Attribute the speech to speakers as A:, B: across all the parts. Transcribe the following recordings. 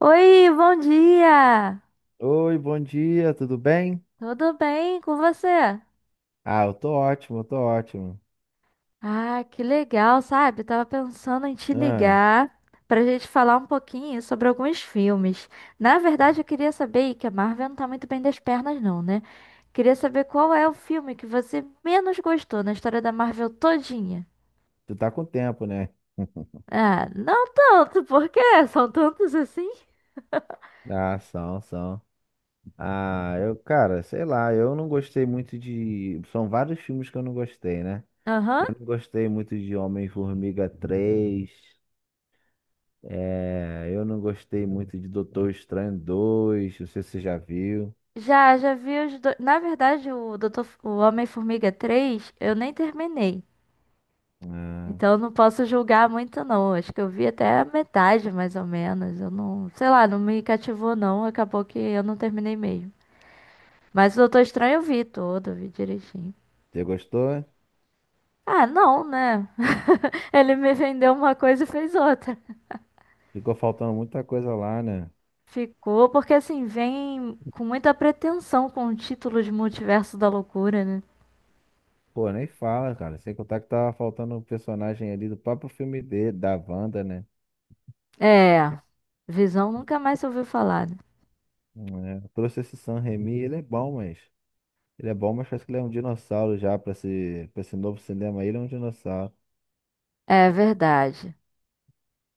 A: Oi, bom dia!
B: Oi, bom dia, tudo bem?
A: Tudo bem com você?
B: Ah, eu tô ótimo, eu tô ótimo.
A: Ah, que legal, sabe? Tava pensando em te
B: Ah,
A: ligar pra gente falar um pouquinho sobre alguns filmes. Na verdade, eu queria saber que a Marvel não tá muito bem das pernas, não, né? Queria saber qual é o filme que você menos gostou na história da Marvel todinha.
B: tu tá com tempo, né?
A: Ah, não tanto, porque são tantos assim.
B: Ah, são, são. Ah, eu, cara, sei lá, eu não gostei muito de. São vários filmes que eu não gostei, né?
A: Aham.
B: Eu não gostei muito de Homem-Formiga 3. É, eu não gostei muito de Doutor Estranho 2. Não sei se você já viu.
A: Já vi os dois. Na verdade, o Homem-Formiga 3, eu nem terminei.
B: Ah,
A: Então eu não posso julgar muito, não. Acho que eu vi até a metade, mais ou menos. Eu não, sei lá, não me cativou, não. Acabou que eu não terminei mesmo. Mas o Doutor Estranho eu vi todo, eu vi direitinho.
B: você gostou?
A: Ah, não, né? Ele me vendeu uma coisa e fez outra.
B: Ficou faltando muita coisa lá, né?
A: Ficou, porque assim, vem com muita pretensão com o título de Multiverso da Loucura, né?
B: Pô, nem fala, cara. Sem contar que tava faltando um personagem ali do próprio filme dele, da Wanda, né?
A: É, Visão nunca mais se ouviu falar, né?
B: É, trouxe esse Sam Raimi, ele é bom, mas. Ele é bom, mas parece que ele é um dinossauro já pra esse, novo cinema. Ele é um dinossauro.
A: É verdade.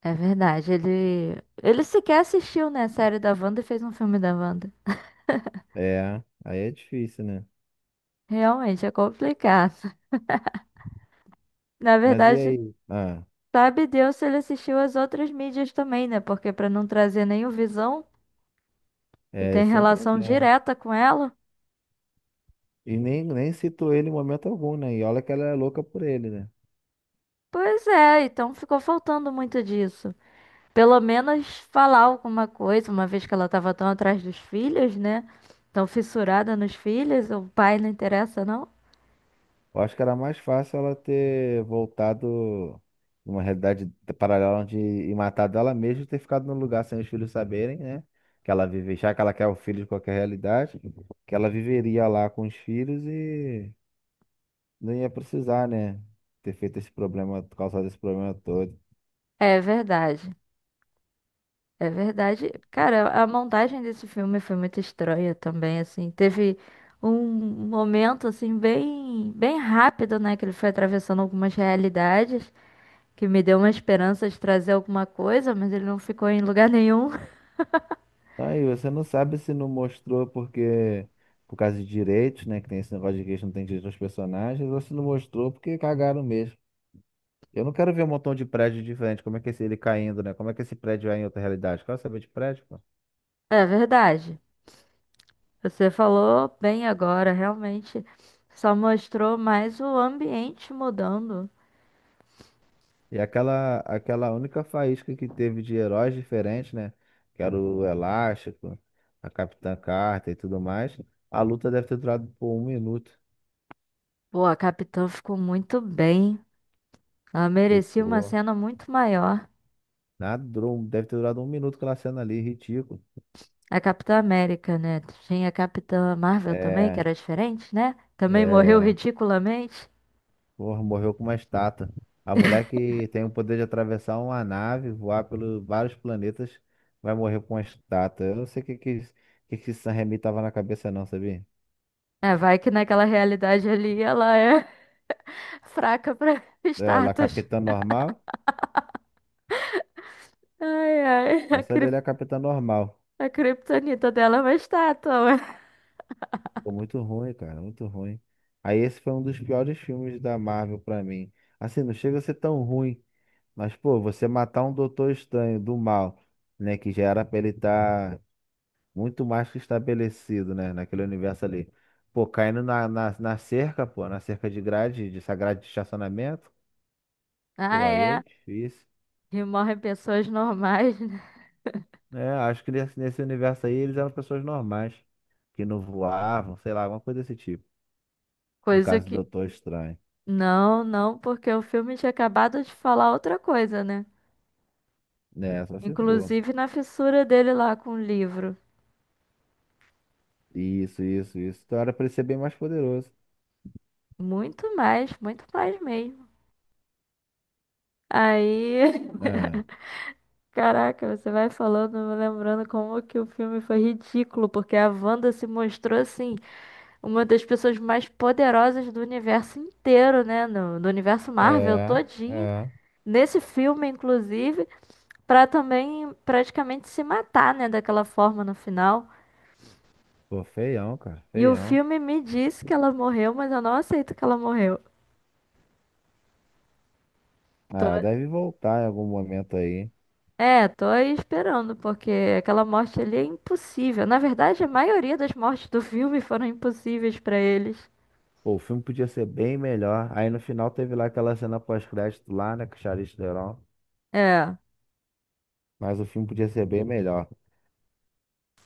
A: É verdade. Ele sequer assistiu, né, a série da Wanda e fez um filme da Wanda.
B: É, aí é difícil, né?
A: Realmente é complicado. Na
B: Mas e
A: verdade,
B: aí? Ah,
A: sabe Deus se ele assistiu às outras mídias também, né? Porque para não trazer nenhum Visão, que
B: é,
A: tem
B: esse é o
A: relação
B: problema.
A: direta com ela.
B: E nem citou ele em momento algum, né? E olha que ela é louca por ele, né?
A: Pois é, então ficou faltando muito disso. Pelo menos falar alguma coisa, uma vez que ela estava tão atrás dos filhos, né? Tão fissurada nos filhos, o pai não interessa, não?
B: Eu acho que era mais fácil ela ter voltado numa realidade paralela onde e matado ela mesma e ter ficado no lugar sem os filhos saberem, né? Que ela vive, já que ela quer o filho de qualquer realidade, que ela viveria lá com os filhos e não ia precisar, né? Ter feito esse problema, causado esse problema todo.
A: É verdade. É verdade. Cara, a montagem desse filme foi muito estranha também, assim. Teve um momento, assim, bem, bem rápido, né? Que ele foi atravessando algumas realidades, que me deu uma esperança de trazer alguma coisa, mas ele não ficou em lugar nenhum.
B: Aí você não sabe se não mostrou porque por causa de direitos, né? Que tem esse negócio de que eles não tem direito aos personagens, ou se não mostrou porque cagaram mesmo. Eu não quero ver um montão de prédio diferente. Como é que é esse, ele caindo, né? Como é que esse prédio é em outra realidade? Quero saber de prédio, pô.
A: É verdade. Você falou bem agora, realmente. Só mostrou mais o ambiente mudando.
B: E aquela única faísca que teve de heróis diferentes, né? Que era o Elástico, a Capitã Carter e tudo mais. A luta deve ter durado por um minuto.
A: Pô, a Capitã ficou muito bem. Ela merecia uma
B: Ficou.
A: cena muito maior.
B: Nada, durou, um, deve ter durado um minuto aquela cena ali, ridículo.
A: A Capitã América, né? Tinha a Capitã Marvel também, que
B: É,
A: era diferente, né? Também morreu
B: é.
A: ridiculamente.
B: Porra, morreu com uma estátua. A mulher que tem o poder de atravessar uma nave, voar pelos vários planetas, vai morrer com uma estátua. Eu não sei o que que, o que, que esse San Remi tava na cabeça, não, sabia?
A: É, vai que naquela realidade ali ela é fraca pra
B: É
A: status.
B: Capitã Normal?
A: Ai, ai,
B: Eu só li ele é Capitã Normal.
A: a criptonita dela é uma estátua. Ué.
B: Ficou muito ruim, cara, muito ruim. Aí esse foi um dos piores filmes da Marvel pra mim. Assim, não chega a ser tão ruim, mas, pô, você matar um Doutor Estranho do mal, né, que já era pra ele estar muito mais que estabelecido, né? Naquele universo ali. Pô, caindo na, na cerca, pô, na cerca de grade, de essa grade de estacionamento,
A: Ah,
B: pô, aí é
A: é.
B: difícil.
A: E morrem pessoas normais, né?
B: É, acho que nesse, universo aí eles eram pessoas normais, que não voavam, sei lá, alguma coisa desse tipo. No
A: Coisa
B: caso do
A: que.
B: Doutor Estranho.
A: Não, não, porque o filme tinha acabado de falar outra coisa, né?
B: Né, só se for.
A: Inclusive na fissura dele lá com o livro.
B: Isso, isso, isso. Então era pra ele ser bem mais poderoso.
A: Muito mais mesmo. Aí
B: É,
A: Caraca, você vai falando, eu vou lembrando como que o filme foi ridículo, porque a Wanda se mostrou assim, uma das pessoas mais poderosas do universo inteiro, né? No, do universo Marvel
B: é,
A: todinho.
B: é.
A: Nesse filme, inclusive, pra também praticamente se matar, né? Daquela forma no final.
B: Pô, feião, cara,
A: E o
B: feião.
A: filme me disse que ela morreu, mas eu não aceito que ela morreu.
B: Ah, ela deve voltar em algum momento aí.
A: É, tô aí esperando, porque aquela morte ali é impossível. Na verdade, a maioria das mortes do filme foram impossíveis pra eles.
B: Pô, o filme podia ser bem melhor. Aí no final teve lá aquela cena pós-crédito lá, né, com o Charlize Theron.
A: É.
B: Mas o filme podia ser bem melhor.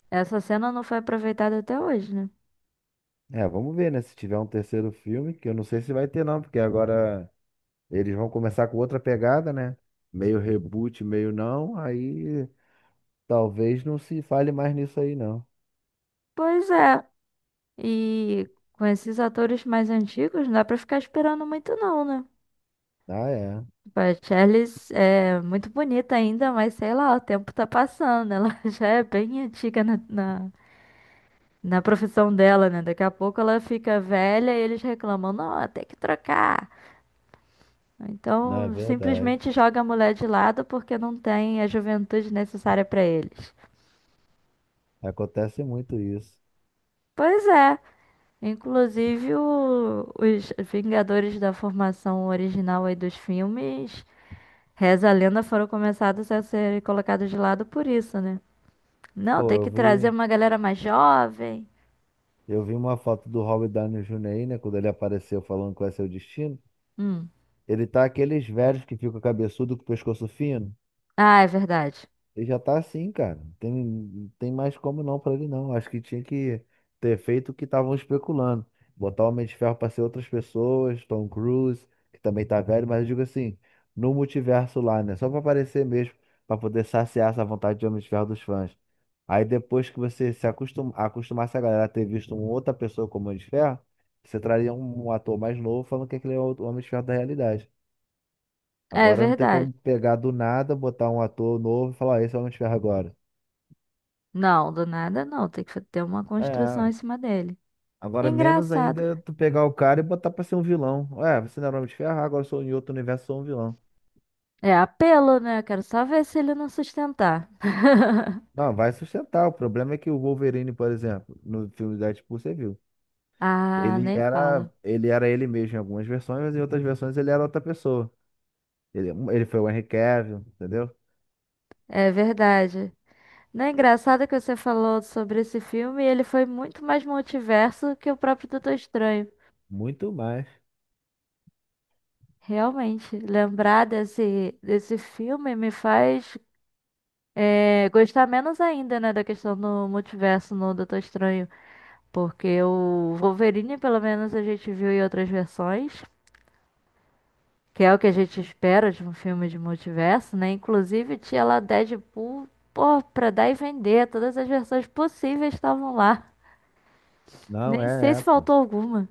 A: Essa cena não foi aproveitada até hoje, né?
B: É, vamos ver, né, se tiver um terceiro filme, que eu não sei se vai ter não, porque agora eles vão começar com outra pegada, né? Meio reboot, meio não. Aí talvez não se fale mais nisso aí não.
A: Pois é. E com esses atores mais antigos, não dá pra ficar esperando muito, não, né?
B: Ah, é.
A: Tipo, a Charlize é muito bonita ainda, mas sei lá, o tempo tá passando. Ela já é bem antiga na profissão dela, né? Daqui a pouco ela fica velha e eles reclamam: não, tem que trocar.
B: Não, é
A: Então,
B: verdade.
A: simplesmente joga a mulher de lado porque não tem a juventude necessária pra eles.
B: Acontece muito isso.
A: Pois é. Inclusive, os Vingadores da formação original aí dos filmes, reza a lenda, foram começados a ser colocados de lado por isso, né? Não,
B: Pô,
A: tem
B: eu
A: que trazer
B: vi,
A: uma galera mais jovem.
B: uma foto do Robert Downey Jr. aí, né, quando ele apareceu falando qual é seu destino.
A: Hum.
B: Ele tá aqueles velhos que ficam cabeçudo com o pescoço fino.
A: Ah, é verdade.
B: Ele já tá assim, cara. Não tem mais como não pra ele não. Acho que tinha que ter feito o que estavam especulando. Botar o Homem de Ferro pra ser outras pessoas, Tom Cruise, que também tá velho, mas eu digo assim, no multiverso lá, né? Só pra aparecer mesmo, pra poder saciar essa vontade de Homem de Ferro dos fãs. Aí depois que você se acostum... acostumasse a galera a ter visto uma outra pessoa como Homem de Ferro, você traria um, ator mais novo falando que aquele é o Homem de Ferro da realidade.
A: É
B: Agora não tem
A: verdade.
B: como pegar do nada, botar um ator novo e falar, "Ah, esse é o Homem-Ferro agora."
A: Não, do nada não. Tem que ter uma construção
B: É,
A: em cima dele.
B: agora menos
A: Engraçado.
B: ainda tu pegar o cara e botar pra ser um vilão. Ué, você não era o Homem-Ferro, agora eu sou em outro universo, sou um vilão.
A: É apelo, né? Quero só ver se ele não sustentar.
B: Não, vai sustentar. O problema é que o Wolverine, por exemplo, no filme Deadpool, você viu.
A: Ah,
B: Ele
A: nem
B: era,
A: fala.
B: ele mesmo em algumas versões, mas em outras versões ele era outra pessoa. Ele foi o Henry Cavill, entendeu?
A: É verdade. Não é engraçado que você falou sobre esse filme? Ele foi muito mais multiverso que o próprio Doutor Estranho.
B: Muito mais.
A: Realmente, lembrar desse filme me faz gostar menos ainda, né, da questão do multiverso no Doutor Estranho. Porque o Wolverine, pelo menos, a gente viu em outras versões, que é o que a gente espera de um filme de multiverso, né? Inclusive, tinha lá Deadpool, pô, pra dar e vender, todas as versões possíveis estavam lá.
B: Não,
A: Nem sei
B: é, é,
A: se
B: pô.
A: faltou alguma.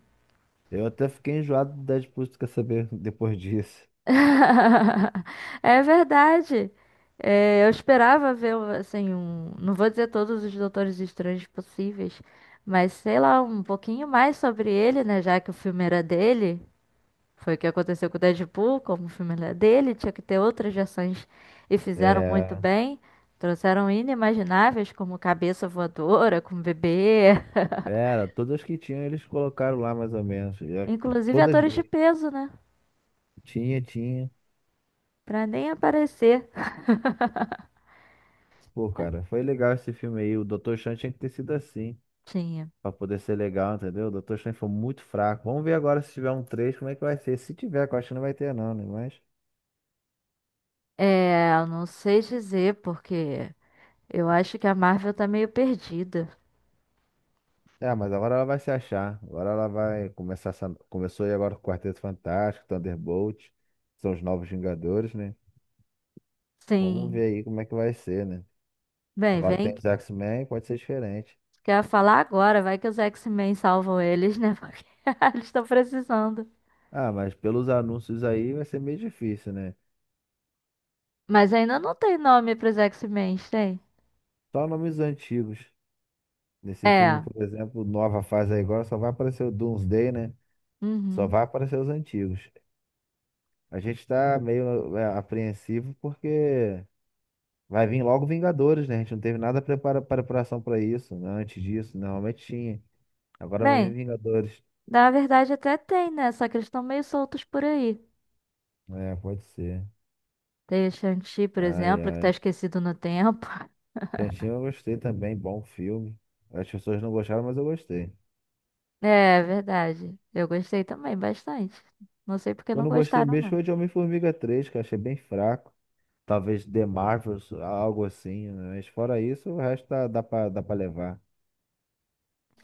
B: Eu até fiquei enjoado do Deadpool, tu quer saber, depois disso.
A: É verdade. É, eu esperava ver, assim, um. Não vou dizer todos os Doutores Estranhos possíveis, mas sei lá, um pouquinho mais sobre ele, né? Já que o filme era dele. Foi o que aconteceu com o Deadpool, como o filme era dele, tinha que ter outras versões e fizeram muito
B: É
A: bem. Trouxeram inimagináveis, como Cabeça Voadora, como Bebê.
B: Era, todas que tinham eles colocaram lá mais ou menos. E é-
A: Inclusive
B: Todas
A: atores de
B: mesmo.
A: peso, né?
B: Tinha, tinha.
A: Pra nem aparecer.
B: Pô, cara, foi legal esse filme aí. O Dr. Chan tinha que ter sido assim,
A: Tinha.
B: pra poder ser legal, entendeu? O Dr. Chan foi muito fraco. Vamos ver agora se tiver um 3 como é que vai ser. Se tiver, que eu acho que não vai ter não, né? Mas...
A: É, eu não sei dizer, porque. Eu acho que a Marvel tá meio perdida.
B: É, mas agora ela vai se achar. Agora ela vai começar essa... Começou aí agora com o Quarteto Fantástico, Thunderbolt, que são os novos Vingadores, né? Vamos ver
A: Sim.
B: aí como é que vai ser, né?
A: Bem,
B: Agora
A: vem
B: tem
A: que
B: os X-Men, pode ser diferente.
A: quer falar agora, vai que os X-Men salvam eles, né? Porque eles estão precisando.
B: Ah, mas pelos anúncios aí vai ser meio difícil, né?
A: Mas ainda não tem nome pros X-Men, tem?
B: Só nomes antigos. Nesse filme,
A: É.
B: por exemplo, nova fase aí agora, só vai aparecer o Doomsday, né? Só
A: Uhum.
B: vai aparecer os antigos. A gente tá meio apreensivo porque vai vir logo Vingadores, né? A gente não teve nada preparação pra isso, né? Antes disso, normalmente tinha. Agora vai vir
A: Bem,
B: Vingadores.
A: na verdade até tem, né? Só que eles estão meio soltos por aí.
B: É, pode ser.
A: Tem o Shang-Chi, por
B: Ai,
A: exemplo, que tá
B: ai.
A: esquecido no tempo.
B: Tantinho eu gostei também, bom filme. As pessoas não gostaram, mas eu gostei.
A: É, verdade. Eu gostei também bastante. Não sei porque não
B: Quando eu não gostei
A: gostaram,
B: mesmo
A: não.
B: foi de Homem-Formiga 3, que eu achei bem fraco. Talvez The Marvels, algo assim, né? Mas fora isso, o resto dá pra levar.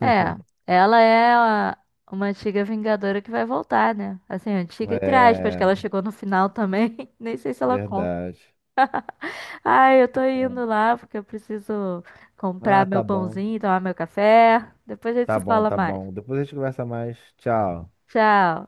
A: É, ela é uma antiga Vingadora que vai voltar, né? Assim, antiga entre aspas, que
B: É,
A: ela chegou no final também. Nem sei se ela conta.
B: verdade.
A: Ai, eu tô indo lá porque eu preciso comprar
B: Ah,
A: meu
B: tá bom.
A: pãozinho, tomar meu café. Depois a gente
B: Tá
A: se
B: bom,
A: fala
B: tá
A: mais.
B: bom. Depois a gente conversa mais. Tchau.
A: Tchau.